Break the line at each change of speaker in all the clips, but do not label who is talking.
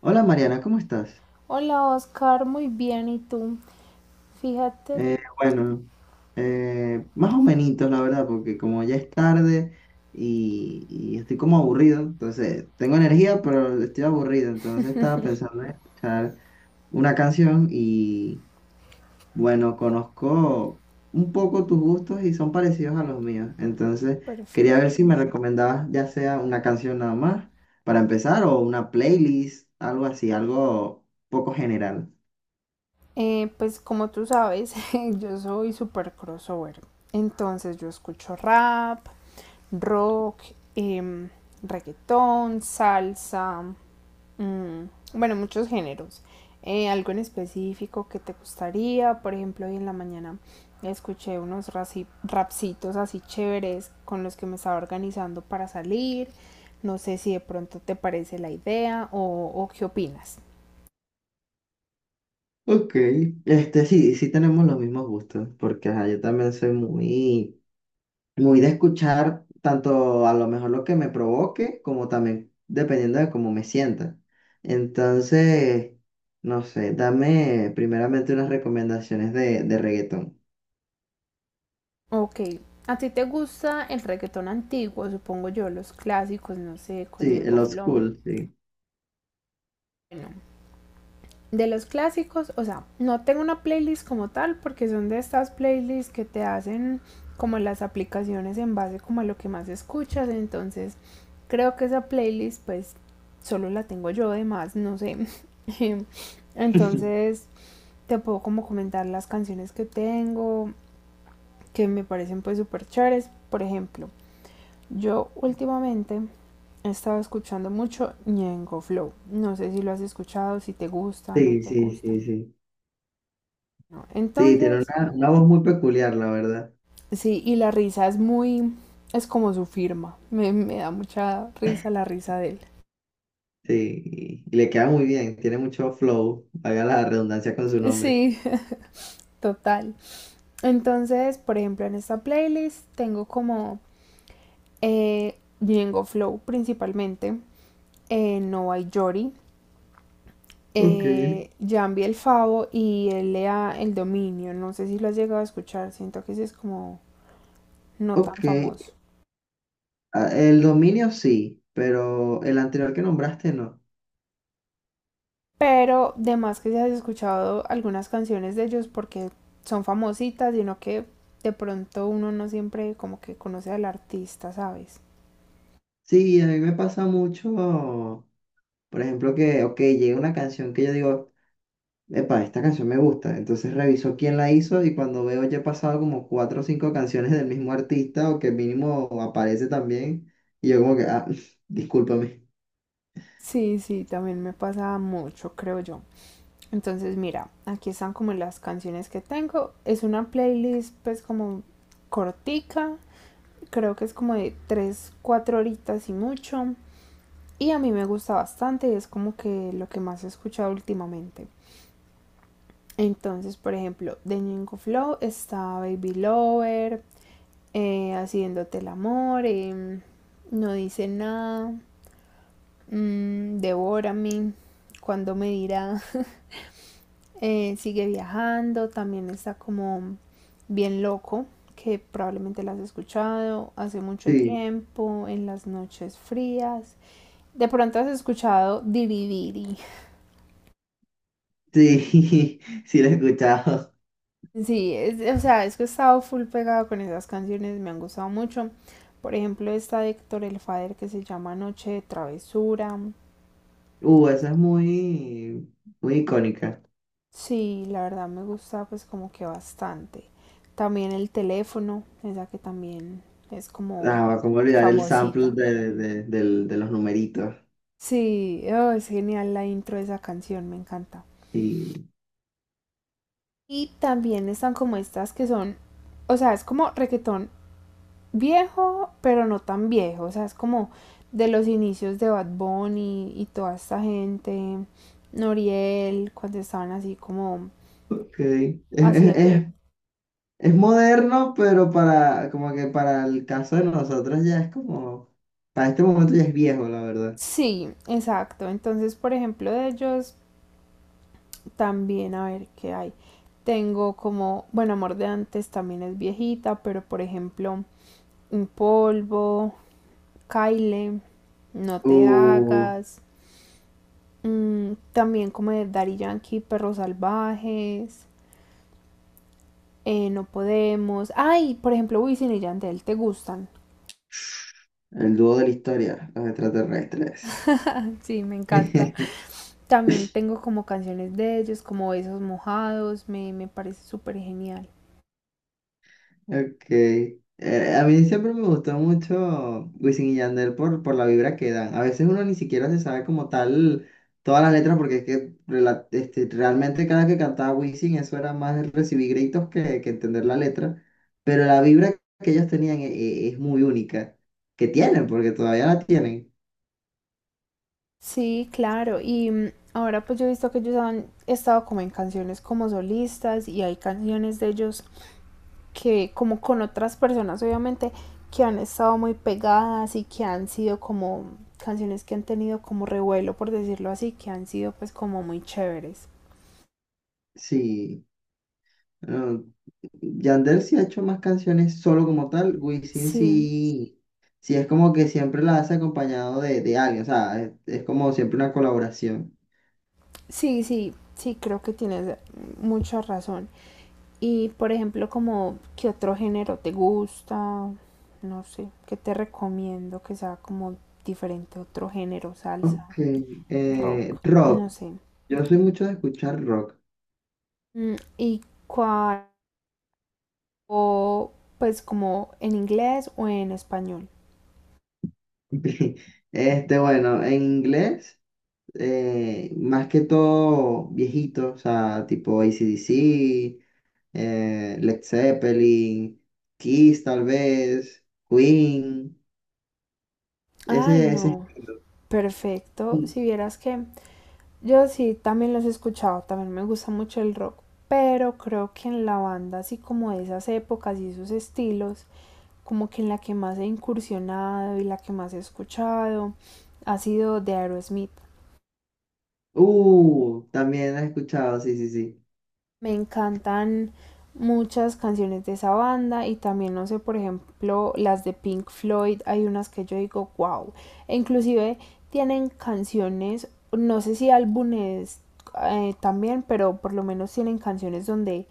Hola Mariana, ¿cómo estás?
Hola Oscar, muy bien, ¿y tú? Fíjate,
Eh, bueno, más o menos, la verdad, porque como ya es tarde y estoy como aburrido, entonces tengo energía, pero estoy aburrido, entonces estaba pensando en escuchar una canción y bueno, conozco un poco tus gustos y son parecidos a los míos, entonces
perfecto.
quería ver si me recomendabas ya sea una canción nada más para empezar o una playlist, algo así, algo poco general.
Pues como tú sabes, yo soy super crossover, entonces yo escucho rap, rock, em, reggaetón, salsa, Mm, bueno, muchos géneros. Algo en específico que te gustaría, por ejemplo, hoy en la mañana escuché unos rapsitos así chéveres con los que me estaba organizando para salir. No sé si de pronto te parece la idea o qué opinas.
Ok, este sí tenemos los mismos gustos, porque ajá, yo también soy muy de escuchar tanto a lo mejor lo que me provoque, como también dependiendo de cómo me sienta. Entonces, no sé, dame primeramente unas recomendaciones de reggaetón.
Ok, a ti te gusta el reggaetón antiguo, supongo yo, los clásicos, no sé, con
Sí,
Ñengo
el old
Flow.
school, sí.
Bueno, de los clásicos, o sea, no tengo una playlist como tal porque son de estas playlists que te hacen como las aplicaciones en base como a lo que más escuchas, entonces creo que esa playlist pues solo la tengo yo, además no sé. Entonces te puedo como comentar las canciones que tengo, que me parecen pues súper chéveres. Por ejemplo, yo últimamente he estado escuchando mucho Ñengo Flow. No sé si lo has escuchado, si te gusta, no
Sí,
te
sí,
gusta.
sí, sí.
¿No?
Sí, tiene
Entonces,
una voz muy peculiar, la verdad.
sí, y la risa es muy, es como su firma. Me da mucha risa la risa de él.
Sí, y le queda muy bien, tiene mucho flow, haga la redundancia con su nombre.
Sí, total. Entonces, por ejemplo, en esta playlist tengo como Django Flow principalmente, Nova y Yori,
Ok.
Jambi el Favo y L a el Dominio. No sé si lo has llegado a escuchar, siento que ese es como no tan
Ok,
famoso.
ah, El dominio sí, pero el anterior que nombraste no.
Pero de más que se has escuchado algunas canciones de ellos porque son famositas, sino que de pronto uno no siempre como que conoce al artista, ¿sabes?
Sí, a mí me pasa mucho, por ejemplo, que, ok, llega una canción que yo digo, epa, esta canción me gusta, entonces reviso quién la hizo y cuando veo ya he pasado como cuatro o cinco canciones del mismo artista o que mínimo aparece también, y yo como que, ah, discúlpame.
Sí, sí, también me pasa mucho, creo yo. Entonces, mira, aquí están como las canciones que tengo. Es una playlist pues como cortica, creo que es como de 3 4 horitas y mucho. Y a mí me gusta bastante y es como que lo que más he escuchado últimamente. Entonces, por ejemplo, de Ñengo Flow está Baby Lover, Haciéndote el amor, No dice nada, Devórame, Cuando me dirá, Sigue viajando, también está como bien loco, que probablemente la has escuchado hace mucho
Sí,
tiempo, en las noches frías. De pronto has escuchado Diriviri.
sí, sí la he escuchado.
Sí, o sea, es que he estado full pegada con esas canciones, me han gustado mucho. Por ejemplo, esta de Héctor El Father que se llama Noche de Travesura.
Esa es muy icónica.
Sí, la verdad me gusta pues como que bastante. También el teléfono, esa que también es como
Ah, cómo olvidar el sample
famosita.
de los numeritos.
Sí, oh, es genial la intro de esa canción, me encanta. Y también están como estas que son, o sea, es como reggaetón viejo, pero no tan viejo. O sea, es como de los inicios de Bad Bunny y toda esta gente, Noriel, cuando estaban así como
Ok.
haciendo.
Es moderno, pero para, como que para el caso de nosotros ya es como, para este momento ya es viejo, la verdad.
Sí, exacto. Entonces, por ejemplo, de ellos también, a ver qué hay. Tengo como, bueno, Amor de antes también es viejita, pero por ejemplo, Un Polvo, Kyle, No Te
Uh,
Hagas, también como de Daddy Yankee, Perros Salvajes, no podemos. Ay, por ejemplo, Wisin y Yandel, ¿te gustan?
el dúo de la historia, los extraterrestres.
Sí, me encanta. También tengo como canciones de ellos, como Besos Mojados, me parece súper genial.
Ok. A mí siempre me gustó mucho Wisin y Yandel por la vibra que dan. A veces uno ni siquiera se sabe como tal todas las letras porque es que realmente cada que cantaba Wisin eso era más recibir gritos que entender la letra. Pero la vibra que ellos tenían es muy única. Que tienen, porque todavía la tienen.
Sí, claro, y ahora pues yo he visto que ellos han estado como en canciones como solistas y hay canciones de ellos que como con otras personas obviamente que han estado muy pegadas y que han sido como canciones que han tenido como revuelo por decirlo así, que han sido pues como muy chéveres.
Sí. Ah, Yandel sí ha hecho más canciones solo como tal, Wisin
Sí,
sí, sí es como que siempre la hace acompañado de alguien, o sea, es como siempre una colaboración.
sí, sí, sí, creo que tienes mucha razón. Y por ejemplo, como qué otro género te gusta, no sé, qué te recomiendo que sea como diferente a otro género,
Ok,
salsa, rock,
rock,
no sé.
yo soy mucho de escuchar rock.
Y cuál, pues como en inglés o en español.
Este, bueno, en inglés, más que todo viejito, o sea, tipo AC/DC, Led Zeppelin, Kiss tal vez, Queen,
Ay,
ese
no,
estilo.
perfecto. Si vieras que yo sí, también los he escuchado, también me gusta mucho el rock, pero creo que en la banda, así como de esas épocas y esos estilos, como que en la que más he incursionado y la que más he escuchado ha sido de Aerosmith.
También has escuchado, sí, sí, sí.
Me encantan muchas canciones de esa banda y también, no sé, por ejemplo, las de Pink Floyd, hay unas que yo digo, wow, e inclusive tienen canciones, no sé si álbumes también, pero por lo menos tienen canciones donde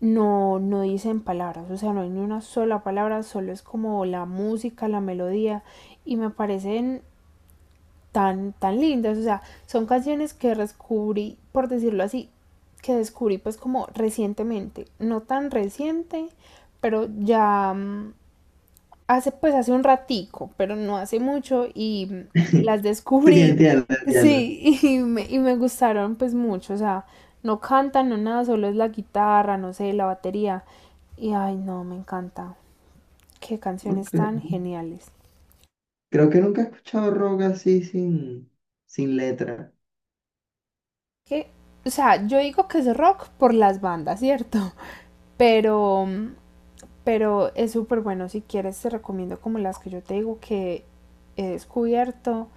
no, no dicen palabras, o sea, no hay ni una sola palabra, solo es como la música, la melodía, y me parecen tan, tan lindas. O sea, son canciones que descubrí, por decirlo así, que descubrí pues como recientemente. No tan reciente, pero ya hace pues hace un ratico, pero no hace mucho y las
Sí,
descubrí.
entiendo, entiendo.
Sí, y me gustaron pues mucho. O sea, no cantan, no nada, solo es la guitarra, no sé, la batería. Y ay, no, me encanta. Qué
Ok.
canciones tan geniales.
Creo que nunca he escuchado rock así sin letra.
Que, o sea, yo digo que es rock por las bandas, ¿cierto? Pero, pero es súper bueno si quieres, te recomiendo como las que yo te digo que he descubierto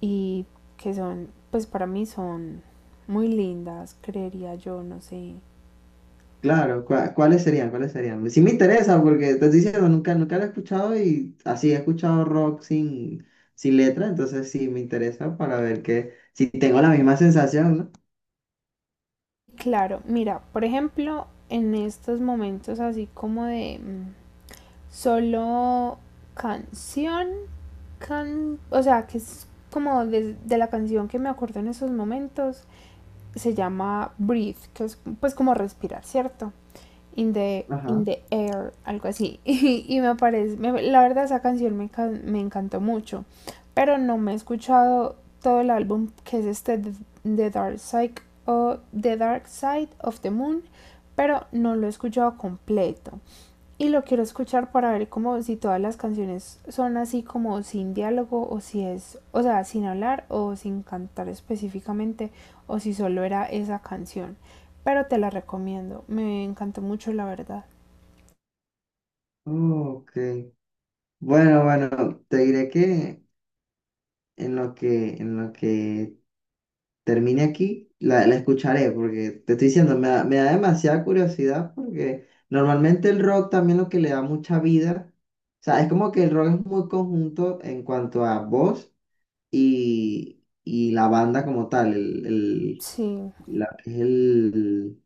y que son, pues para mí son muy lindas, creería yo, no sé.
Claro, ¿cuáles serían? ¿Cuáles serían? Sí me interesa porque te estoy diciendo, nunca lo he escuchado y así he escuchado rock sin letra, entonces sí me interesa para ver que si tengo la misma sensación,
Claro, mira, por ejemplo, en estos momentos así como de solo canción, o sea, que es como de la canción que me acuerdo en esos momentos, se llama Breathe, que es pues como respirar, ¿cierto? In the,
¿no?
in
Ajá.
the air, algo así. Y me parece, la verdad esa canción me encantó mucho, pero no me he escuchado todo el álbum que es este The Dark Side o The Dark Side of the Moon, pero no lo he escuchado completo. Y lo quiero escuchar para ver como si todas las canciones son así como sin diálogo o si es, o sea, sin hablar o sin cantar específicamente o si solo era esa canción. Pero te la recomiendo, me encantó mucho la verdad.
Ok. Bueno, bueno, te diré que en lo que termine aquí, la escucharé, porque te estoy diciendo, me da demasiada curiosidad, porque normalmente el rock también lo que le da mucha vida, o sea, es como que el rock es muy conjunto en cuanto a voz y la banda como tal, el,
Sí,
la- es el-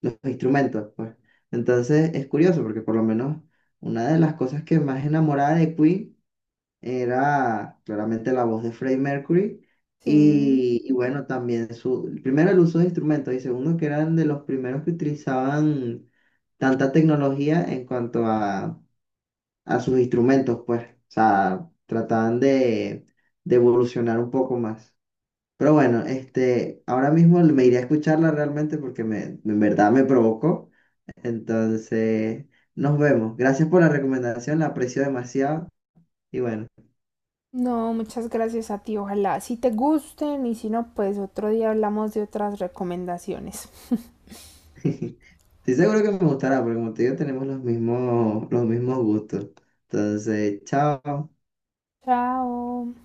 los instrumentos, pues. Entonces es curioso, porque por lo menos una de las cosas que más enamorada de Queen era claramente la voz de Freddie Mercury.
sí.
Y bueno, también su, primero el uso de instrumentos y segundo que eran de los primeros que utilizaban tanta tecnología en cuanto a sus instrumentos, pues, o sea, trataban de evolucionar un poco más. Pero bueno, este, ahora mismo me iré a escucharla realmente porque me, en verdad me provocó. Entonces, nos vemos. Gracias por la recomendación, la aprecio demasiado y bueno.
No, muchas gracias a ti, ojalá si te gusten y si no, pues otro día hablamos de otras recomendaciones.
Estoy seguro que me gustará, porque como te digo, tenemos los mismos gustos. Entonces, chao.
Chao.